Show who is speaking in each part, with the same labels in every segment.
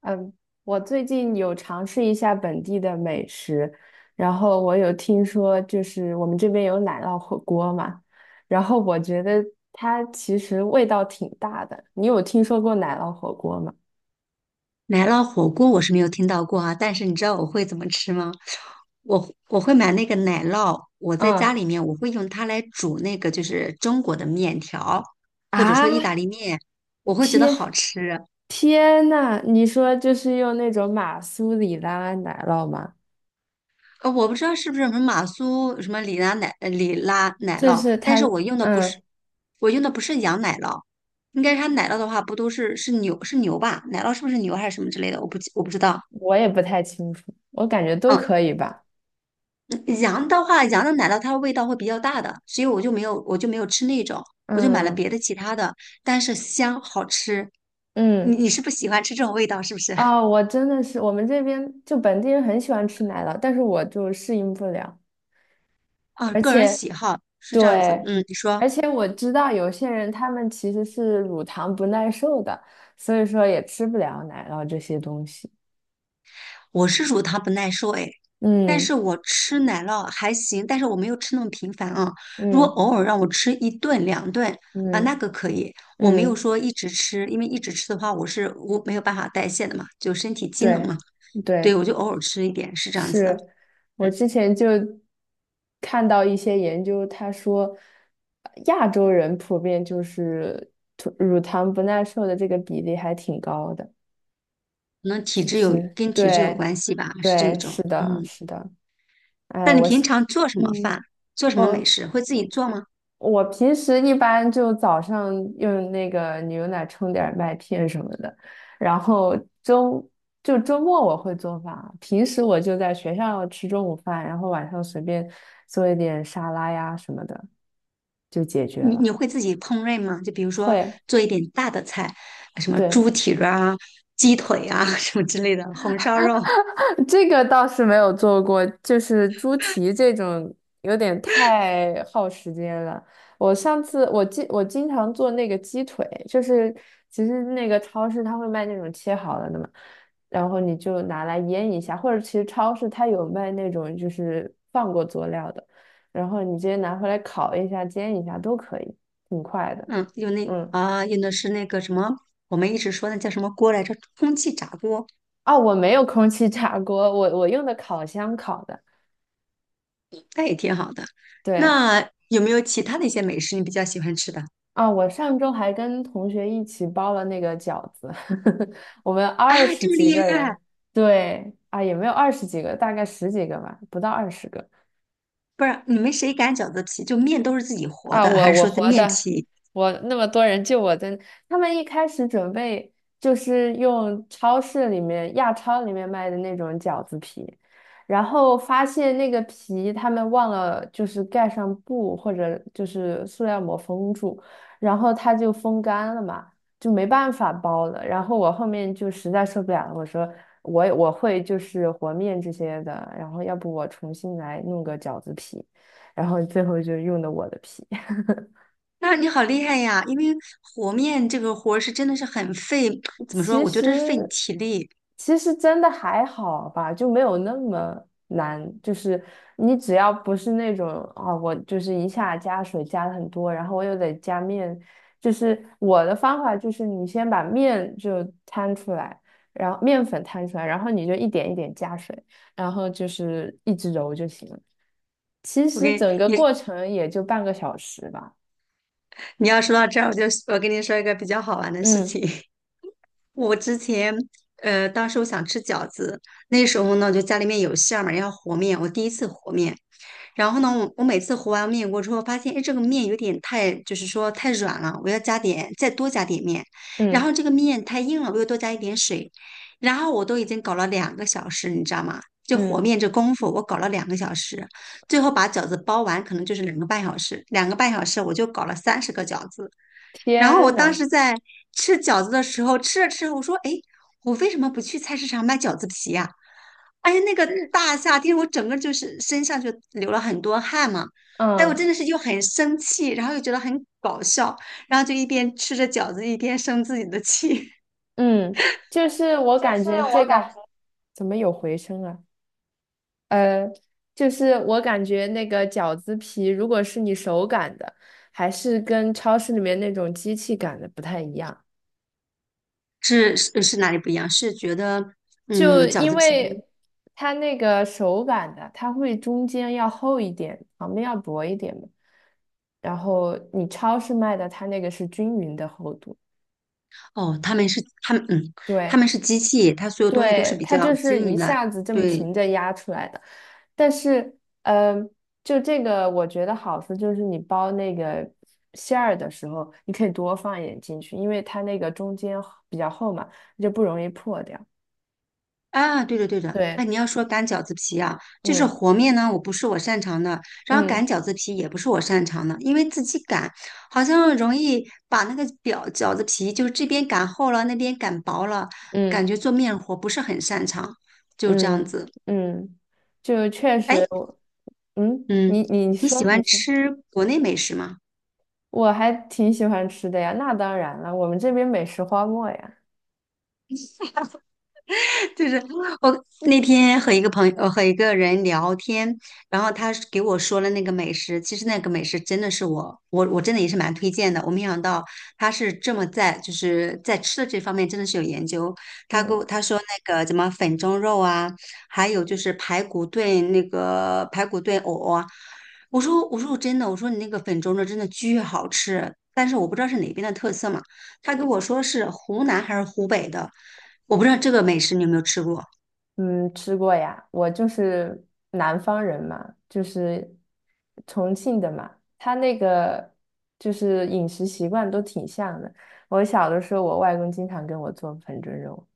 Speaker 1: 嗯，我最近有尝试一下本地的美食，然后我有听说，就是我们这边有奶酪火锅嘛，然后我觉得它其实味道挺大的。你有听说过奶酪火锅吗？
Speaker 2: 奶酪火锅我是没有听到过啊，但是你知道我会怎么吃吗？我会买那个奶酪，我在家
Speaker 1: 嗯
Speaker 2: 里面我会用它来煮那个就是中国的面条，或者
Speaker 1: 啊，
Speaker 2: 说意大利面，我会觉得
Speaker 1: 天
Speaker 2: 好吃。
Speaker 1: 天呐，你说就是用那种马苏里拉奶酪吗？
Speaker 2: 我不知道是不是什么马苏什么里拉奶里拉奶
Speaker 1: 就
Speaker 2: 酪，
Speaker 1: 是
Speaker 2: 但
Speaker 1: 它。
Speaker 2: 是我用的不
Speaker 1: 嗯，
Speaker 2: 是羊奶酪，应该是它奶酪的话不都是是牛吧？奶酪是不是牛还是什么之类的？我不知道。
Speaker 1: 我也不太清楚，我感觉都
Speaker 2: 嗯。
Speaker 1: 可以吧。
Speaker 2: 羊的话，羊的奶酪它的味道会比较大的，所以我就没有吃那种，我就买了
Speaker 1: 嗯
Speaker 2: 别的其他的，但是香好吃。你
Speaker 1: 嗯。
Speaker 2: 你是不喜欢吃这种味道是不是？
Speaker 1: 啊、我真的是，我们这边就本地人很喜欢吃奶酪，但是我就适应不了。
Speaker 2: 啊，
Speaker 1: 而
Speaker 2: 个人
Speaker 1: 且
Speaker 2: 喜好是这样子。
Speaker 1: 对，
Speaker 2: 嗯，你说
Speaker 1: 而且我知道有些人他们其实是乳糖不耐受的，所以说也吃不了奶酪这些东西。
Speaker 2: 我是乳糖不耐受哎，但
Speaker 1: 嗯
Speaker 2: 是我吃奶酪还行，但是我没有吃那么频繁啊。如果
Speaker 1: 嗯
Speaker 2: 偶尔让我吃一顿两顿啊，那
Speaker 1: 嗯
Speaker 2: 个可以，我没有
Speaker 1: 嗯，
Speaker 2: 说一直吃，因为一直吃的话，我没有办法代谢的嘛，就身体机能嘛。
Speaker 1: 对
Speaker 2: 对，
Speaker 1: 对，
Speaker 2: 我就偶尔吃一点，是这样子的。
Speaker 1: 是。我之前就看到一些研究，他说亚洲人普遍就是乳糖不耐受的这个比例还挺高的。
Speaker 2: 可能体
Speaker 1: 就
Speaker 2: 质有
Speaker 1: 是对
Speaker 2: 关系吧，是这
Speaker 1: 对，
Speaker 2: 种。
Speaker 1: 是的，
Speaker 2: 嗯，
Speaker 1: 是的。哎，
Speaker 2: 那你平常做什么
Speaker 1: 嗯，
Speaker 2: 饭？做什么美
Speaker 1: 我
Speaker 2: 食？会自己做吗？
Speaker 1: 我平时一般就早上用那个牛奶冲点儿麦片什么的，然后周周末我会做饭，平时我就在学校吃中午饭，然后晚上随便做一点沙拉呀什么的就解决
Speaker 2: 你
Speaker 1: 了。
Speaker 2: 会自己烹饪吗？就比如说
Speaker 1: 会，
Speaker 2: 做一点大的菜，什么
Speaker 1: 对，
Speaker 2: 猪蹄儿啊、鸡腿啊 什么之类的，红烧肉。
Speaker 1: 这个倒是没有做过，就是猪蹄这种有点太耗时间了。我上次我经常做那个鸡腿，就是其实那个超市它会卖那种切好了的嘛，然后你就拿来腌一下，或者其实超市它有卖那种就是放过佐料的，然后你直接拿回来烤一下、煎一下都可以，挺快的。
Speaker 2: 嗯，
Speaker 1: 嗯，
Speaker 2: 用的是那个什么，我们一直说那叫什么锅来着？空气炸锅，
Speaker 1: 哦，我没有空气炸锅，我用的烤箱烤的。
Speaker 2: 那也挺好的。
Speaker 1: 对，
Speaker 2: 那有没有其他的一些美食你比较喜欢吃的
Speaker 1: 啊，我上周还跟同学一起包了那个饺子，我们二
Speaker 2: 啊？
Speaker 1: 十
Speaker 2: 这么
Speaker 1: 几
Speaker 2: 厉
Speaker 1: 个
Speaker 2: 害！
Speaker 1: 人，对，啊，也没有二十几个，大概十几个吧，不到20个。
Speaker 2: 不是，你们谁擀饺子皮？就面都是自己和
Speaker 1: 啊，
Speaker 2: 的，还
Speaker 1: 我
Speaker 2: 是
Speaker 1: 我
Speaker 2: 说在
Speaker 1: 活
Speaker 2: 面
Speaker 1: 的，
Speaker 2: 皮？
Speaker 1: 我那么多人救我的，他们一开始准备就是用超市里面亚超里面卖的那种饺子皮，然后发现那个皮他们忘了就是盖上布或者就是塑料膜封住，然后它就风干了嘛，就没办法包了。然后我后面就实在受不了了，我说我会就是和面这些的，然后要不我重新来弄个饺子皮，然后最后就用的我的皮。
Speaker 2: 那你好厉害呀！因为和面这个活儿是真的是很费，怎么说？
Speaker 1: 其
Speaker 2: 我觉得是费你
Speaker 1: 实
Speaker 2: 体力。
Speaker 1: 其实真的还好吧，就没有那么难。就是你只要不是那种啊，我就是一下加水加的很多，然后我又得加面。就是我的方法就是你先把面就摊出来，然后面粉摊出来，然后你就一点一点加水，然后就是一直揉就行了。其
Speaker 2: 我
Speaker 1: 实
Speaker 2: 给
Speaker 1: 整个
Speaker 2: 你，
Speaker 1: 过程也就半个小时吧。
Speaker 2: 你要说到这儿，我就我跟你说一个比较好玩的事
Speaker 1: 嗯
Speaker 2: 情。我之前，当时我想吃饺子，那时候呢，就家里面有馅儿嘛，要和面。我第一次和面，然后呢，我每次和完面锅之后，发现哎，这个面有点太，就是说太软了，我要加点，再多加点面。然
Speaker 1: 嗯
Speaker 2: 后这个面太硬了，我又多加一点水。然后我都已经搞了两个小时，你知道吗？就和
Speaker 1: 嗯，
Speaker 2: 面这功夫，我搞了两个小时，最后把饺子包完，可能就是两个半小时。两个半小时我就搞了30个饺子。然后我
Speaker 1: 天
Speaker 2: 当
Speaker 1: 呐，
Speaker 2: 时在吃饺子的时候，吃着吃着，我说："哎，我为什么不去菜市场买饺子皮呀、哎呀，那个大夏天，我整个就是身上就流了很多汗嘛。哎，我真
Speaker 1: 嗯。
Speaker 2: 的是又很生气，然后又觉得很搞笑，然后就一边吃着饺子一边生自己的气。
Speaker 1: 嗯，就
Speaker 2: 是，
Speaker 1: 是我
Speaker 2: 就
Speaker 1: 感
Speaker 2: 是
Speaker 1: 觉
Speaker 2: 我
Speaker 1: 这
Speaker 2: 感
Speaker 1: 个怎么有回声啊？呃，就是我感觉那个饺子皮，如果是你手擀的，还是跟超市里面那种机器擀的不太一样。
Speaker 2: 是哪里不一样？是觉得
Speaker 1: 就
Speaker 2: 嗯，饺
Speaker 1: 因
Speaker 2: 子皮
Speaker 1: 为它那个手擀的，它会中间要厚一点，旁边要薄一点嘛。然后你超市卖的，它那个是均匀的厚度。
Speaker 2: 哦，他们嗯，他
Speaker 1: 对，
Speaker 2: 们是机器，它所有东西都是
Speaker 1: 对，
Speaker 2: 比
Speaker 1: 它
Speaker 2: 较
Speaker 1: 就是
Speaker 2: 均
Speaker 1: 一
Speaker 2: 匀的，
Speaker 1: 下子这么
Speaker 2: 对，
Speaker 1: 平着压出来的，但是，就这个我觉得好处就是你包那个馅儿的时候，你可以多放一点进去，因为它那个中间比较厚嘛，就不容易破掉。
Speaker 2: 啊，对的对的，
Speaker 1: 对，
Speaker 2: 哎，你要说擀饺子皮啊，就是
Speaker 1: 嗯
Speaker 2: 和面呢，我不是我擅长的，然后擀
Speaker 1: 嗯
Speaker 2: 饺子皮也不是我擅长的，因为自己擀好像容易把那个饺子皮就是这边擀厚了，那边擀薄了，
Speaker 1: 嗯
Speaker 2: 感觉做面活不是很擅长，就这样
Speaker 1: 嗯
Speaker 2: 子。
Speaker 1: 嗯，就确
Speaker 2: 哎，
Speaker 1: 实我。嗯，你
Speaker 2: 嗯，
Speaker 1: 你
Speaker 2: 你喜
Speaker 1: 说你
Speaker 2: 欢
Speaker 1: 说，
Speaker 2: 吃国内美食吗？
Speaker 1: 我还挺喜欢吃的呀，那当然了，我们这边美食荒漠呀。
Speaker 2: 就是我那天和一个朋友和一个人聊天，然后他是给我说了那个美食，其实那个美食真的是我真的也是蛮推荐的。我没想到他是这么在在吃的这方面真的是有研究。他给
Speaker 1: 嗯。
Speaker 2: 我他说那个什么粉蒸肉啊，还有就是排骨炖那个排骨炖藕啊。我真的我说你那个粉蒸肉真的巨好吃，但是我不知道是哪边的特色嘛。他跟我说是湖南还是湖北的。我不知道这个美食你有没有吃过？
Speaker 1: 嗯，吃过呀，我就是南方人嘛，就是重庆的嘛，他那个就是饮食习惯都挺像的。我小的时候，我外公经常给我做粉蒸肉。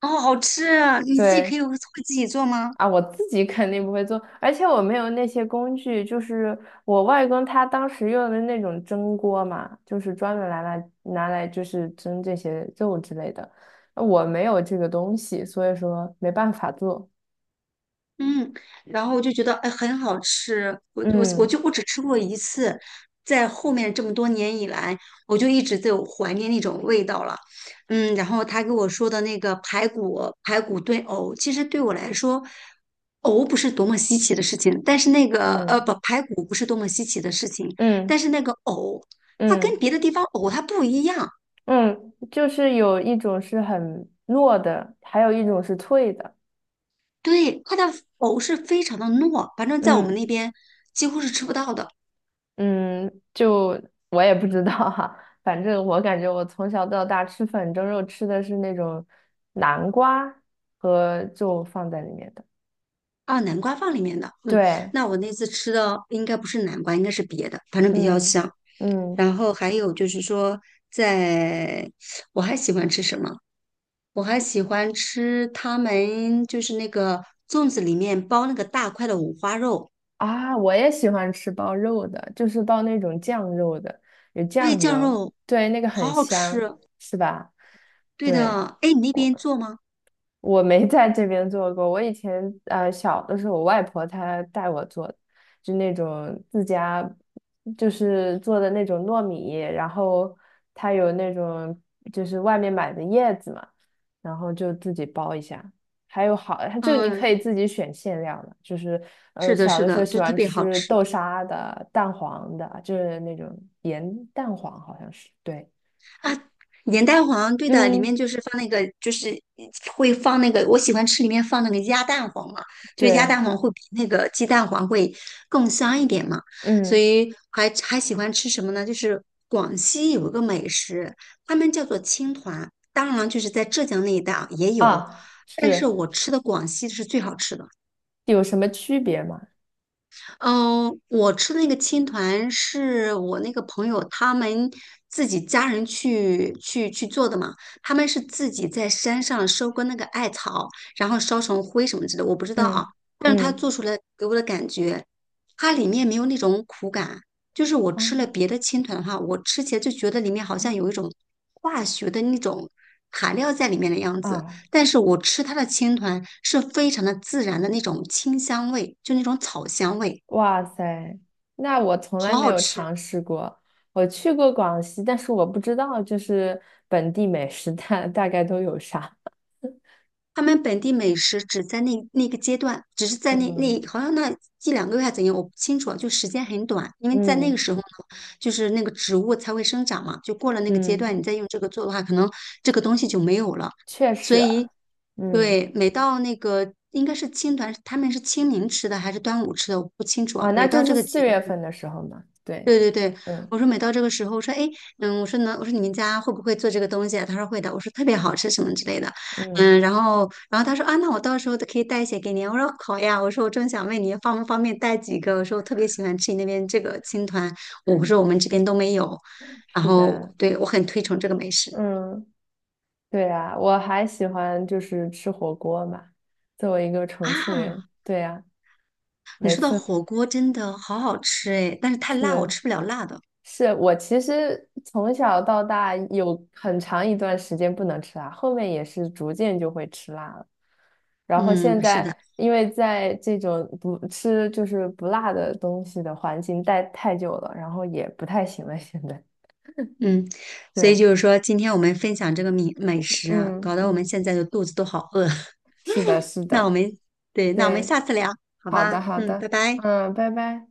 Speaker 2: 哦，好吃啊！你自己
Speaker 1: 对
Speaker 2: 会自己做吗？
Speaker 1: 啊，我自己肯定不会做，而且我没有那些工具。就是我外公他当时用的那种蒸锅嘛，就是专门拿来就是蒸这些肉之类的。我没有这个东西，所以说没办法做。
Speaker 2: 嗯，然后我就觉得哎很好吃，
Speaker 1: 嗯
Speaker 2: 我只吃过一次，在后面这么多年以来，我就一直在有怀念那种味道了。嗯，然后他给我说的那个排骨炖藕，其实对我来说，藕不是多么稀奇的事情，但是那个呃
Speaker 1: 嗯。
Speaker 2: 不排骨不是多么稀奇的事情，但
Speaker 1: 嗯
Speaker 2: 是那个藕它跟
Speaker 1: 嗯
Speaker 2: 别的地方藕它不一样，
Speaker 1: 嗯，就是有一种是很糯的，还有一种是脆的。
Speaker 2: 对，它的藕是非常的糯，反正在我们那
Speaker 1: 嗯
Speaker 2: 边几乎是吃不到的
Speaker 1: 嗯，就我也不知道哈，反正我感觉我从小到大吃粉蒸肉吃的是那种南瓜和就放在里面的。
Speaker 2: 啊。南瓜放里面的，嗯，
Speaker 1: 对，
Speaker 2: 那我那次吃的应该不是南瓜，应该是别的，反正比较
Speaker 1: 嗯
Speaker 2: 香。
Speaker 1: 嗯
Speaker 2: 然后还有就是说在，我还喜欢吃什么？我还喜欢吃他们就是那个粽子里面包那个大块的五花肉，
Speaker 1: 啊，我也喜欢吃包肉的，就是包那种酱肉的，有
Speaker 2: 对，
Speaker 1: 酱
Speaker 2: 酱
Speaker 1: 油，
Speaker 2: 肉
Speaker 1: 对，那个
Speaker 2: 好
Speaker 1: 很
Speaker 2: 好
Speaker 1: 香，
Speaker 2: 吃。
Speaker 1: 是吧？
Speaker 2: 对
Speaker 1: 对。
Speaker 2: 的，哎，你那边
Speaker 1: 我。
Speaker 2: 做吗？
Speaker 1: 我没在这边做过，我以前小的时候，我外婆她带我做的就那种自家就是做的那种糯米，然后它有那种就是外面买的叶子嘛，然后就自己包一下。还有好，它就你可
Speaker 2: 嗯，
Speaker 1: 以自己选馅料的，就是
Speaker 2: 是的，
Speaker 1: 小
Speaker 2: 是
Speaker 1: 的时候
Speaker 2: 的，
Speaker 1: 喜
Speaker 2: 就特
Speaker 1: 欢
Speaker 2: 别好
Speaker 1: 吃
Speaker 2: 吃。
Speaker 1: 豆沙的、蛋黄的，就是那种盐蛋黄好像是。对，
Speaker 2: 盐蛋黄，对的，里面
Speaker 1: 嗯，
Speaker 2: 就是放那个，我喜欢吃里面放那个鸭蛋黄嘛，就是鸭
Speaker 1: 对，
Speaker 2: 蛋黄会比那个鸡蛋黄会更香一点嘛，所
Speaker 1: 嗯
Speaker 2: 以还喜欢吃什么呢？就是广西有一个美食，他们叫做青团，当然了就是在浙江那一带啊也有，
Speaker 1: 啊
Speaker 2: 但是
Speaker 1: 是。
Speaker 2: 我吃的广西是最好吃的。
Speaker 1: 有什么区别吗？
Speaker 2: 嗯，我吃的那个青团是我那个朋友他们自己家人去做的嘛，他们是自己在山上收割那个艾草，然后烧成灰什么之类的，我不知道啊，
Speaker 1: 嗯
Speaker 2: 但是他
Speaker 1: 嗯，
Speaker 2: 做出来给我的感觉，它里面没有那种苦感，就是我
Speaker 1: 啊
Speaker 2: 吃了别的青团的话，我吃起来就觉得里面好像有一种化学的那种材料在里面的样子。
Speaker 1: 啊，
Speaker 2: 但是我吃它的青团是非常的自然的那种清香味，就那种草香味。
Speaker 1: 哇塞，那我从来
Speaker 2: 好
Speaker 1: 没
Speaker 2: 好
Speaker 1: 有
Speaker 2: 吃。
Speaker 1: 尝试过。我去过广西，但是我不知道就是本地美食大概都有啥。
Speaker 2: 他们本地美食只在那个阶段，只是在
Speaker 1: 嗯
Speaker 2: 好像那1两个月还怎样，我不清楚啊，就时间很短，因为在那个
Speaker 1: 嗯
Speaker 2: 时候呢，就是那个植物才会生长嘛，就过了那个阶
Speaker 1: 嗯，
Speaker 2: 段，你再用这个做的话，可能这个东西就没有了。
Speaker 1: 确
Speaker 2: 所
Speaker 1: 实，
Speaker 2: 以，
Speaker 1: 嗯
Speaker 2: 对，每到那个应该是青团，他们是清明吃的还是端午吃的，我不清楚
Speaker 1: 啊，
Speaker 2: 啊。
Speaker 1: 那
Speaker 2: 每
Speaker 1: 就
Speaker 2: 到这
Speaker 1: 是
Speaker 2: 个
Speaker 1: 四
Speaker 2: 节
Speaker 1: 月份的时候嘛。对，
Speaker 2: 对对对，
Speaker 1: 嗯
Speaker 2: 我说每到这个时候，我说哎，诶嗯，我说你们家会不会做这个东西啊？他说会的，我说特别好吃什么之类的，
Speaker 1: 嗯，
Speaker 2: 嗯，然后他说啊，那我到时候都可以带一些给你啊我说好呀，我说我正想问你方不方便带几个，我说我特别喜欢吃你那边这个青团，我说我们这边都没有，然
Speaker 1: 是
Speaker 2: 后
Speaker 1: 的，
Speaker 2: 对我很推崇这个美食
Speaker 1: 嗯，对啊，我还喜欢就是吃火锅嘛。作为一个重庆
Speaker 2: 啊。
Speaker 1: 人，对呀。
Speaker 2: 你
Speaker 1: 每
Speaker 2: 说到
Speaker 1: 次
Speaker 2: 火锅真的好好吃哎，但是太辣，我
Speaker 1: 是。
Speaker 2: 吃不了辣的。
Speaker 1: 是。我其实从小到大有很长一段时间不能吃辣，后面也是逐渐就会吃辣了。然后现
Speaker 2: 嗯，是的。
Speaker 1: 在因为在这种不吃就是不辣的东西的环境待太久了，然后也不太行了。现在
Speaker 2: 嗯，所以
Speaker 1: 对，
Speaker 2: 就是说，今天我们分享这个米美食啊，
Speaker 1: 嗯
Speaker 2: 搞得我们
Speaker 1: 嗯，
Speaker 2: 现在的肚子都好饿。
Speaker 1: 是的，是
Speaker 2: 那我
Speaker 1: 的，
Speaker 2: 们，对，那我们
Speaker 1: 对，
Speaker 2: 下次聊，好
Speaker 1: 好的
Speaker 2: 吧？
Speaker 1: 好
Speaker 2: 嗯，拜
Speaker 1: 的，
Speaker 2: 拜。
Speaker 1: 嗯，拜拜。